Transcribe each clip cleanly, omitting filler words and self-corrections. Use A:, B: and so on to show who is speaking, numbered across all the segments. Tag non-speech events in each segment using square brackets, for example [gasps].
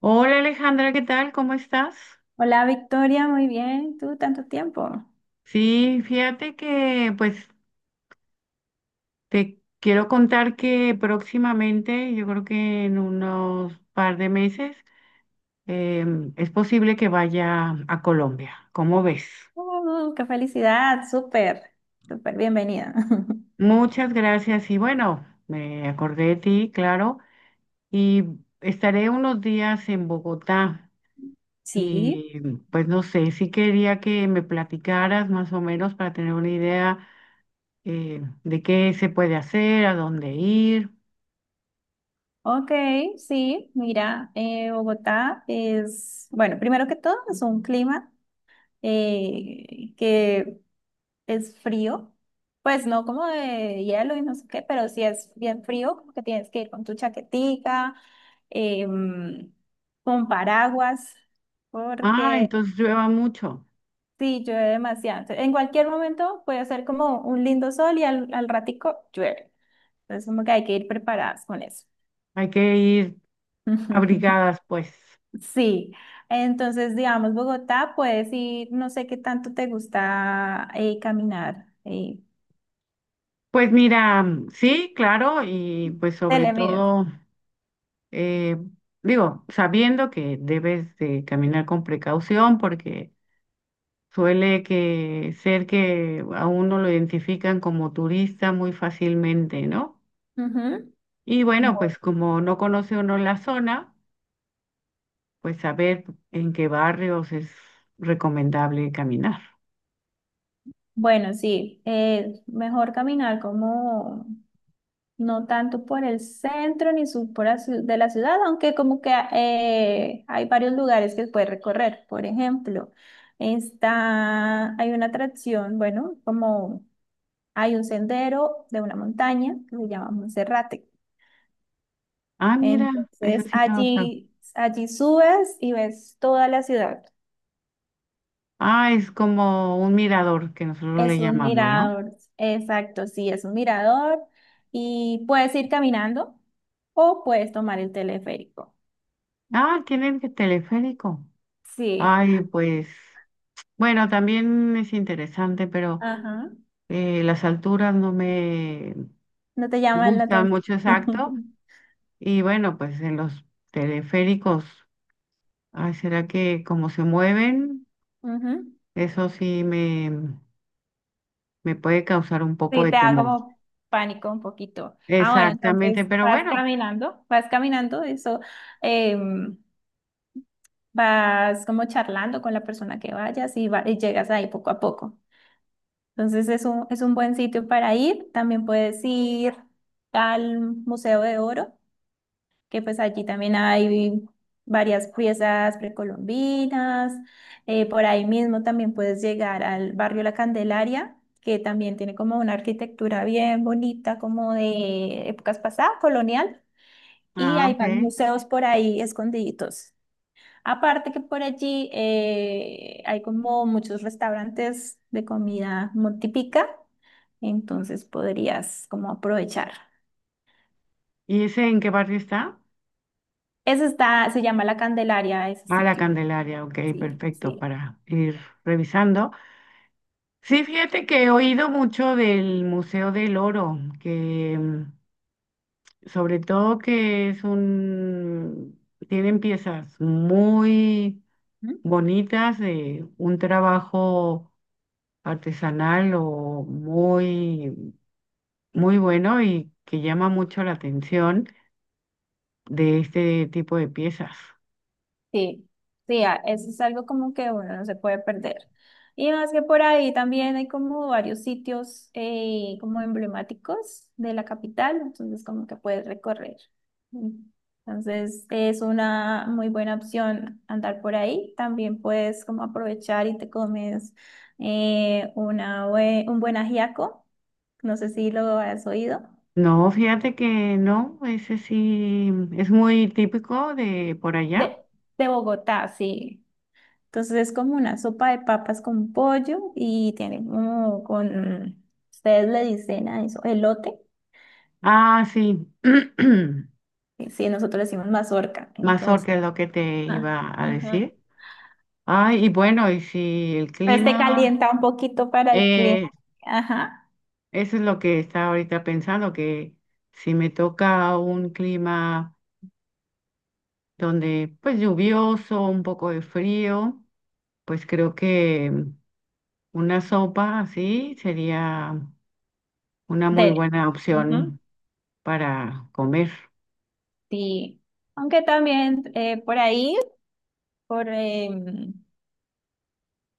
A: Hola Alejandra, ¿qué tal? ¿Cómo estás?
B: Hola Victoria, muy bien. ¿Tú tanto tiempo?
A: Sí, fíjate que pues te quiero contar que próximamente, yo creo que en unos par de meses, es posible que vaya a Colombia. ¿Cómo ves?
B: Oh, qué felicidad, súper, súper bienvenida. [laughs]
A: Muchas gracias y bueno, me acordé de ti, claro, y estaré unos días en Bogotá
B: Sí,
A: y pues no sé, sí quería que me platicaras más o menos para tener una idea de qué se puede hacer, a dónde ir.
B: ok, sí, mira, Bogotá es, bueno, primero que todo es un clima que es frío, pues no como de hielo y no sé qué, pero sí es bien frío, como que tienes que ir con tu chaquetica, em, con paraguas,
A: Ah,
B: porque...
A: entonces llueva mucho.
B: Sí, llueve demasiado. Entonces, en cualquier momento puede hacer como un lindo sol y al ratico llueve. Entonces, como que hay que ir preparadas con eso.
A: Hay que ir
B: [laughs]
A: abrigadas, pues.
B: Sí, entonces, digamos, Bogotá, puedes ir, no sé qué tanto te gusta caminar.
A: Pues mira, sí, claro, y pues sobre
B: Telemías.
A: todo, eh, digo, sabiendo que debes de caminar con precaución porque suele que ser que a uno lo identifican como turista muy fácilmente, ¿no?
B: Ujú.
A: Y bueno, pues
B: Bu-
A: como no conoce uno la zona, pues saber en qué barrios es recomendable caminar.
B: Bueno, sí, mejor caminar como no tanto por el centro ni sur por la ciu- de la ciudad, aunque como que hay varios lugares que puedes recorrer. Por ejemplo, está, hay una atracción, bueno, como hay un sendero de una montaña que se llama Monserrate.
A: Ah, mira, eso
B: Entonces
A: sí no lo sab-
B: allí subes y ves toda la ciudad.
A: ah, es como un mirador que nosotros le
B: Es un
A: llamamos, ¿no?
B: mirador, exacto, sí, es un mirador y puedes ir caminando o puedes tomar el teleférico.
A: Ah, tienen que teleférico.
B: Sí,
A: Ay, pues, bueno, también es interesante, pero
B: ajá.
A: las alturas no me
B: No te llaman la
A: gustan
B: atención.
A: mucho exacto.
B: [laughs]
A: Y bueno, pues en los teleféricos, ay, ¿será que como se mueven?
B: Ujú.
A: Eso sí me, me puede causar un poco
B: Sí,
A: de
B: te da
A: temor.
B: como pánico un poquito. Ah, bueno,
A: Exactamente,
B: entonces
A: pero bueno,
B: eso, em, vas como charlando con la persona que vayas y, y llegas ahí poco a poco. Entonces es un buen sitio para ir. También puedes ir al Museo de Oro, que pues allí también hay varias piezas precolombinas. Por ahí mismo también puedes llegar al barrio La Candelaria, que también tiene como una arquitectura bien bonita, como de épocas pasadas, colonial, y
A: ah,
B: hay más
A: ok.
B: museos por ahí escondiditos. Aparte que por allí hay como muchos restaurantes de comida muy típica, entonces podrías como aprovechar.
A: ¿Y ese en qué barrio está?
B: Ese está, se llama La Candelaria, ese
A: Ah, la
B: sitio.
A: Candelaria, ok,
B: Sí,
A: perfecto,
B: sí.
A: para ir revisando. Sí, fíjate que he oído mucho del Museo del Oro, que sobre todo tienen piezas muy
B: ¿Mm?
A: bonitas de un trabajo artesanal muy bueno y que llama mucho la atención de este tipo de piezas.
B: Sí, sí, eso es algo como que uno no se puede perder. Y más que por ahí también hay como varios sitios como emblemáticos de la capital, entonces como que puedes recorrer. Mm. Entonces es una muy buena opción andar por ahí. También puedes como aprovechar y te comes un buen ajiaco, no sé si lo has oído,
A: No, fíjate que no, ese sí es muy típico de por
B: de,
A: allá.
B: de Bogotá, sí. Entonces es como una sopa de papas con pollo y tiene como con, ustedes le dicen a eso, elote,
A: Ah, sí, [clears throat]
B: y sí, nosotros le decimos mazorca, entonces,
A: mazorca es lo que te
B: ah,
A: iba a
B: ajá.
A: decir. Ay, y bueno, y si el
B: Entonces te
A: clima,
B: calienta un poquito para el clima,
A: eh,
B: ajá,
A: eso es lo que estaba ahorita pensando, que si me toca un clima donde pues lluvioso, un poco de frío, pues creo que una sopa así sería una muy
B: dele.
A: buena
B: Ujú,
A: opción para comer.
B: sí, aunque también por ahí, por, em,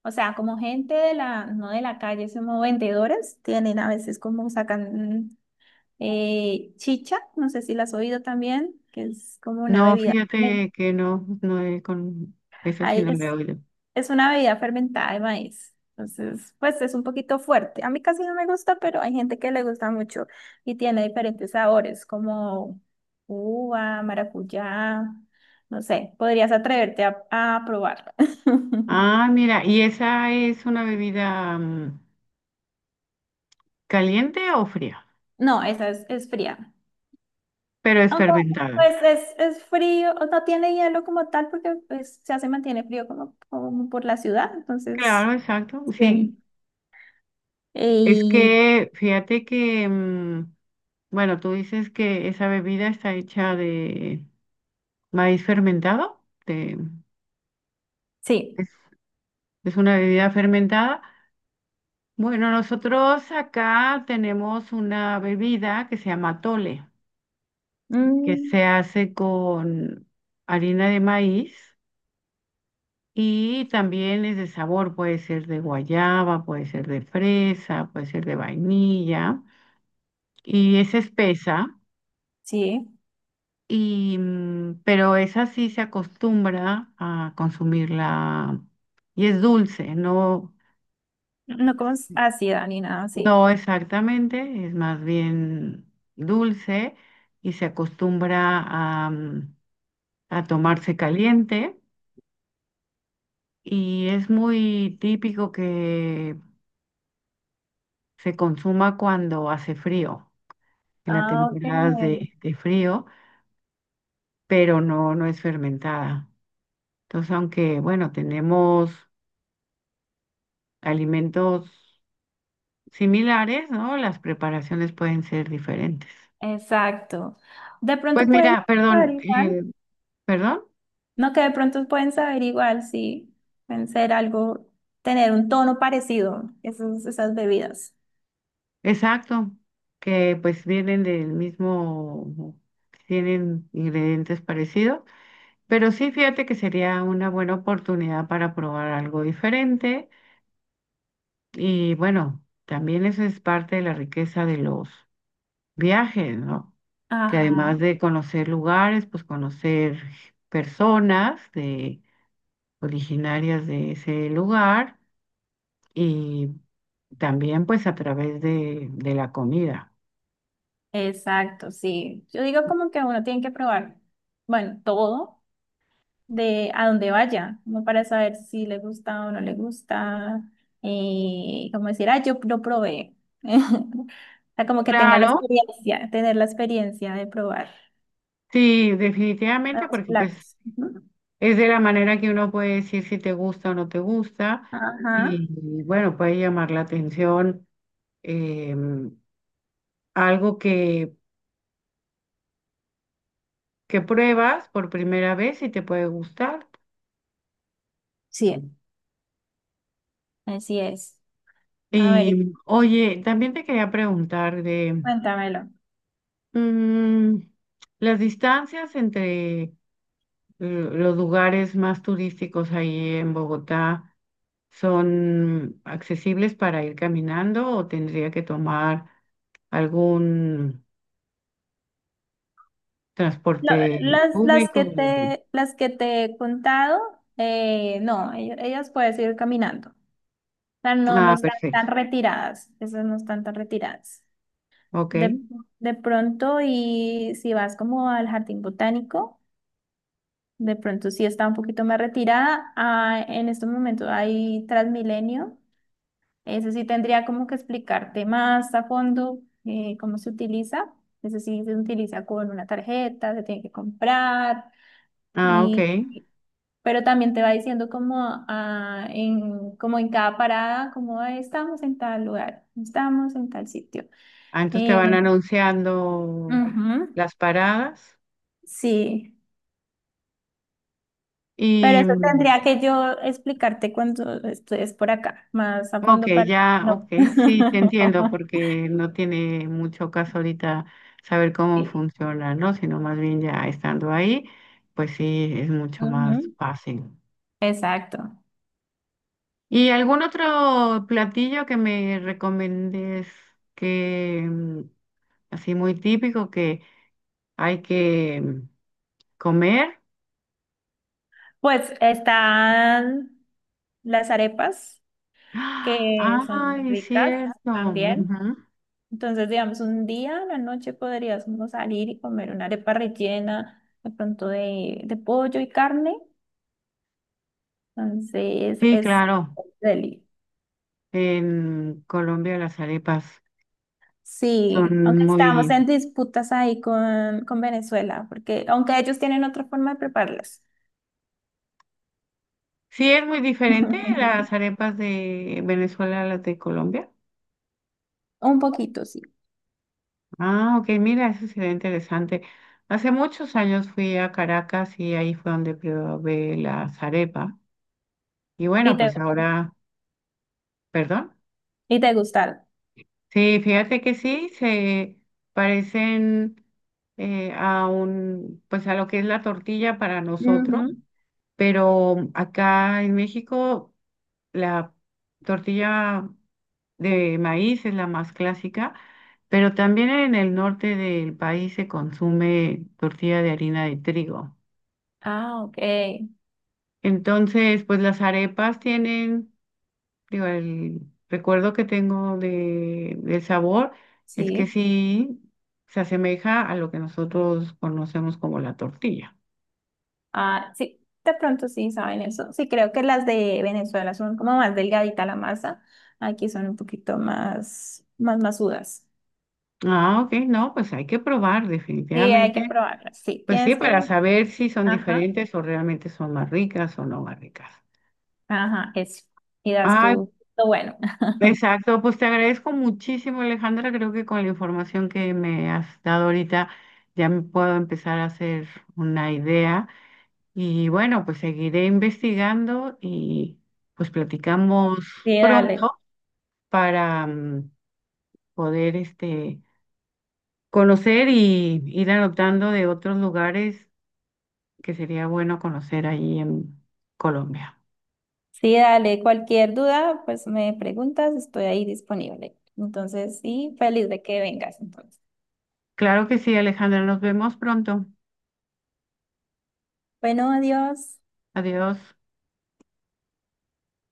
B: o sea, como gente de la, no de la calle, sino vendedores, tienen a veces como sacan eh, chicha, no sé si la has oído también, que es como una
A: No,
B: bebida fermentada.
A: fíjate que no, no he con esa sí no la he
B: es,
A: oído.
B: es una bebida fermentada de maíz. Entonces, pues es un poquito fuerte. A mí casi no me gusta, pero hay gente que le gusta mucho y tiene diferentes sabores, como uva, maracuyá, no sé, podrías atreverte a probarla. [laughs]
A: Ah, mira, ¿y esa es una bebida caliente o fría?
B: No, es fría.
A: Pero es
B: Aunque,
A: fermentada.
B: pues es frío, o no tiene hielo como tal, porque pues, ya se mantiene frío como, como por la ciudad, entonces...
A: Claro, exacto, sí.
B: Sí.
A: Es
B: Y
A: que fíjate que, mm, bueno, tú dices que esa bebida está hecha de maíz fermentado, de-
B: sí.
A: es, es una bebida fermentada. Bueno, nosotros acá tenemos una bebida que se llama tole, que
B: Mm,
A: se hace con harina de maíz y también es de sabor, puede ser de guayaba, puede ser de fresa, puede ser de vainilla y es espesa.
B: sí.
A: Y, mm, pero esa sí se acostumbra a consumirla y es dulce, no,
B: No como ácida ni nada así.
A: no exactamente, es más bien dulce y se acostumbra a, mm, a tomarse caliente y es muy típico que se consuma cuando hace frío, en las
B: Ah,
A: temporadas
B: ok.
A: de frío, pero no, no es fermentada. Entonces, aunque, bueno, tenemos alimentos similares, ¿no? Las preparaciones pueden ser diferentes.
B: Exacto. De
A: Pues
B: pronto pueden
A: mira,
B: saber
A: perdón,
B: igual.
A: perdón,
B: No, que de pronto pueden saber igual, sí. Pueden ser algo, tener un tono parecido, esas bebidas.
A: exacto, que pues vienen del mismo, tienen ingredientes parecidos. Pero sí, fíjate que sería una buena oportunidad para probar algo diferente. Y bueno, también eso es parte de la riqueza de los viajes, ¿no? Que además
B: Ajá.
A: de conocer lugares, pues conocer personas de, originarias de ese lugar y también pues a través de la comida.
B: Exacto, sí. Yo digo como que uno tiene que probar, bueno, todo, de a dónde vaya, como para saber si le gusta o no le gusta, como decir, ah, yo lo probé. [laughs] O sea, como que tenga la
A: Claro,
B: experiencia, tener la experiencia de probar
A: sí, definitivamente,
B: nuevos
A: porque pues
B: platos. Ujú.
A: es de la manera que uno puede decir si te gusta o no te gusta
B: Ajá,
A: y bueno, puede llamar la atención eh, algo que pruebas por primera vez y te puede gustar.
B: sí, así es. A ver,
A: Y oye, también te quería preguntar de
B: cuéntamelo.
A: mm, las distancias entre los lugares más turísticos ahí en Bogotá, ¿son accesibles para ir caminando o tendría que tomar algún...
B: Lo-
A: transporte público?
B: las que te he contado, no, ellas puedes ir caminando. O sea, no
A: Ah,
B: están
A: perfecto.
B: tan retiradas, esas no están tan retiradas.
A: Ok.
B: De, de pronto, y si vas como al jardín botánico, de pronto sí está un poquito más retirada. Ah, en estos momentos hay Transmilenio. Ese sí tendría como que explicarte más a fondo cómo se utiliza. Ese sí se utiliza con una tarjeta, se tiene que comprar,
A: Ah, ok.
B: y, pero también te va diciendo como, ah, en, como en cada parada, como "Ah, estamos en tal lugar, estamos en tal sitio".
A: Ah, entonces te
B: Eh,
A: van anunciando
B: ujú,
A: las paradas.
B: sí. Pero
A: Y,
B: eso
A: mm,
B: tendría que yo explicarte cuando estés por acá, más a
A: ok,
B: fondo para...
A: ya, ok,
B: No.
A: sí, te entiendo,
B: [laughs]
A: porque no tiene mucho caso ahorita saber cómo
B: Sí.
A: funciona, ¿no? Sino más bien ya estando ahí, pues sí, es mucho más
B: Ujú,
A: fácil.
B: exacto.
A: ¿Y algún otro platillo que me recomiendes que, mm, así muy típico, que hay que mm, comer?
B: Pues están las arepas,
A: [gasps] ¡Ah!
B: que son
A: Ay,
B: ricas
A: cierto.
B: también.
A: Ujú.
B: Entonces, digamos, un día a la noche podríamos salir y comer una arepa rellena, de pronto de pollo y carne. Entonces,
A: Sí,
B: es
A: claro.
B: deli.
A: En Colombia las arepas
B: Sí, aunque
A: son
B: estamos
A: muy...
B: en disputas ahí con Venezuela, porque aunque ellos tienen otra forma de prepararlas.
A: Sí, es muy diferente
B: [laughs]
A: las arepas de Venezuela a las de Colombia.
B: Un poquito, sí.
A: Ah, ok, mira, eso sería interesante. Hace muchos años fui a Caracas y ahí fue donde probé las arepas. Y bueno,
B: Y te,
A: pues ahora, perdón.
B: y te gustaron.
A: Sí, fíjate que sí, se parecen a un, pues a lo que es la tortilla para nosotros,
B: Ujú.
A: pero acá en México la tortilla de maíz es la más clásica, pero también en el norte del país se consume tortilla de harina de trigo.
B: Ah, ok.
A: Entonces, pues las arepas tienen... Digo, el recuerdo que tengo de, del sabor es que
B: Sí.
A: sí se asemeja a lo que nosotros conocemos como la tortilla.
B: Ah, sí. De pronto sí saben eso. Sí, creo que las de Venezuela son como más delgadita la masa. Aquí son un poquito más, más masudas.
A: Ah, ok, no, pues hay que probar
B: Sí, hay
A: definitivamente.
B: que probarlas. Sí,
A: Pues sí,
B: tienes
A: para
B: que.
A: saber si son
B: Ajá,
A: diferentes o realmente son más ricas o no más ricas.
B: ajá, eso. Y das
A: Ah,
B: tú lo bueno. [laughs]
A: exacto, pues te agradezco muchísimo, Alejandra. Creo que con la información que me has dado ahorita ya me puedo empezar a hacer una idea. Y bueno, pues seguiré investigando y pues platicamos
B: Sí, dale.
A: pronto para mm, poder este, conocer y ir anotando de otros lugares que sería bueno conocer ahí en Colombia.
B: Sí, dale, cualquier duda, pues me preguntas, estoy ahí disponible. Entonces, sí, feliz de que vengas entonces.
A: Claro que sí, Alejandra, nos vemos pronto.
B: Bueno, adiós.
A: Adiós.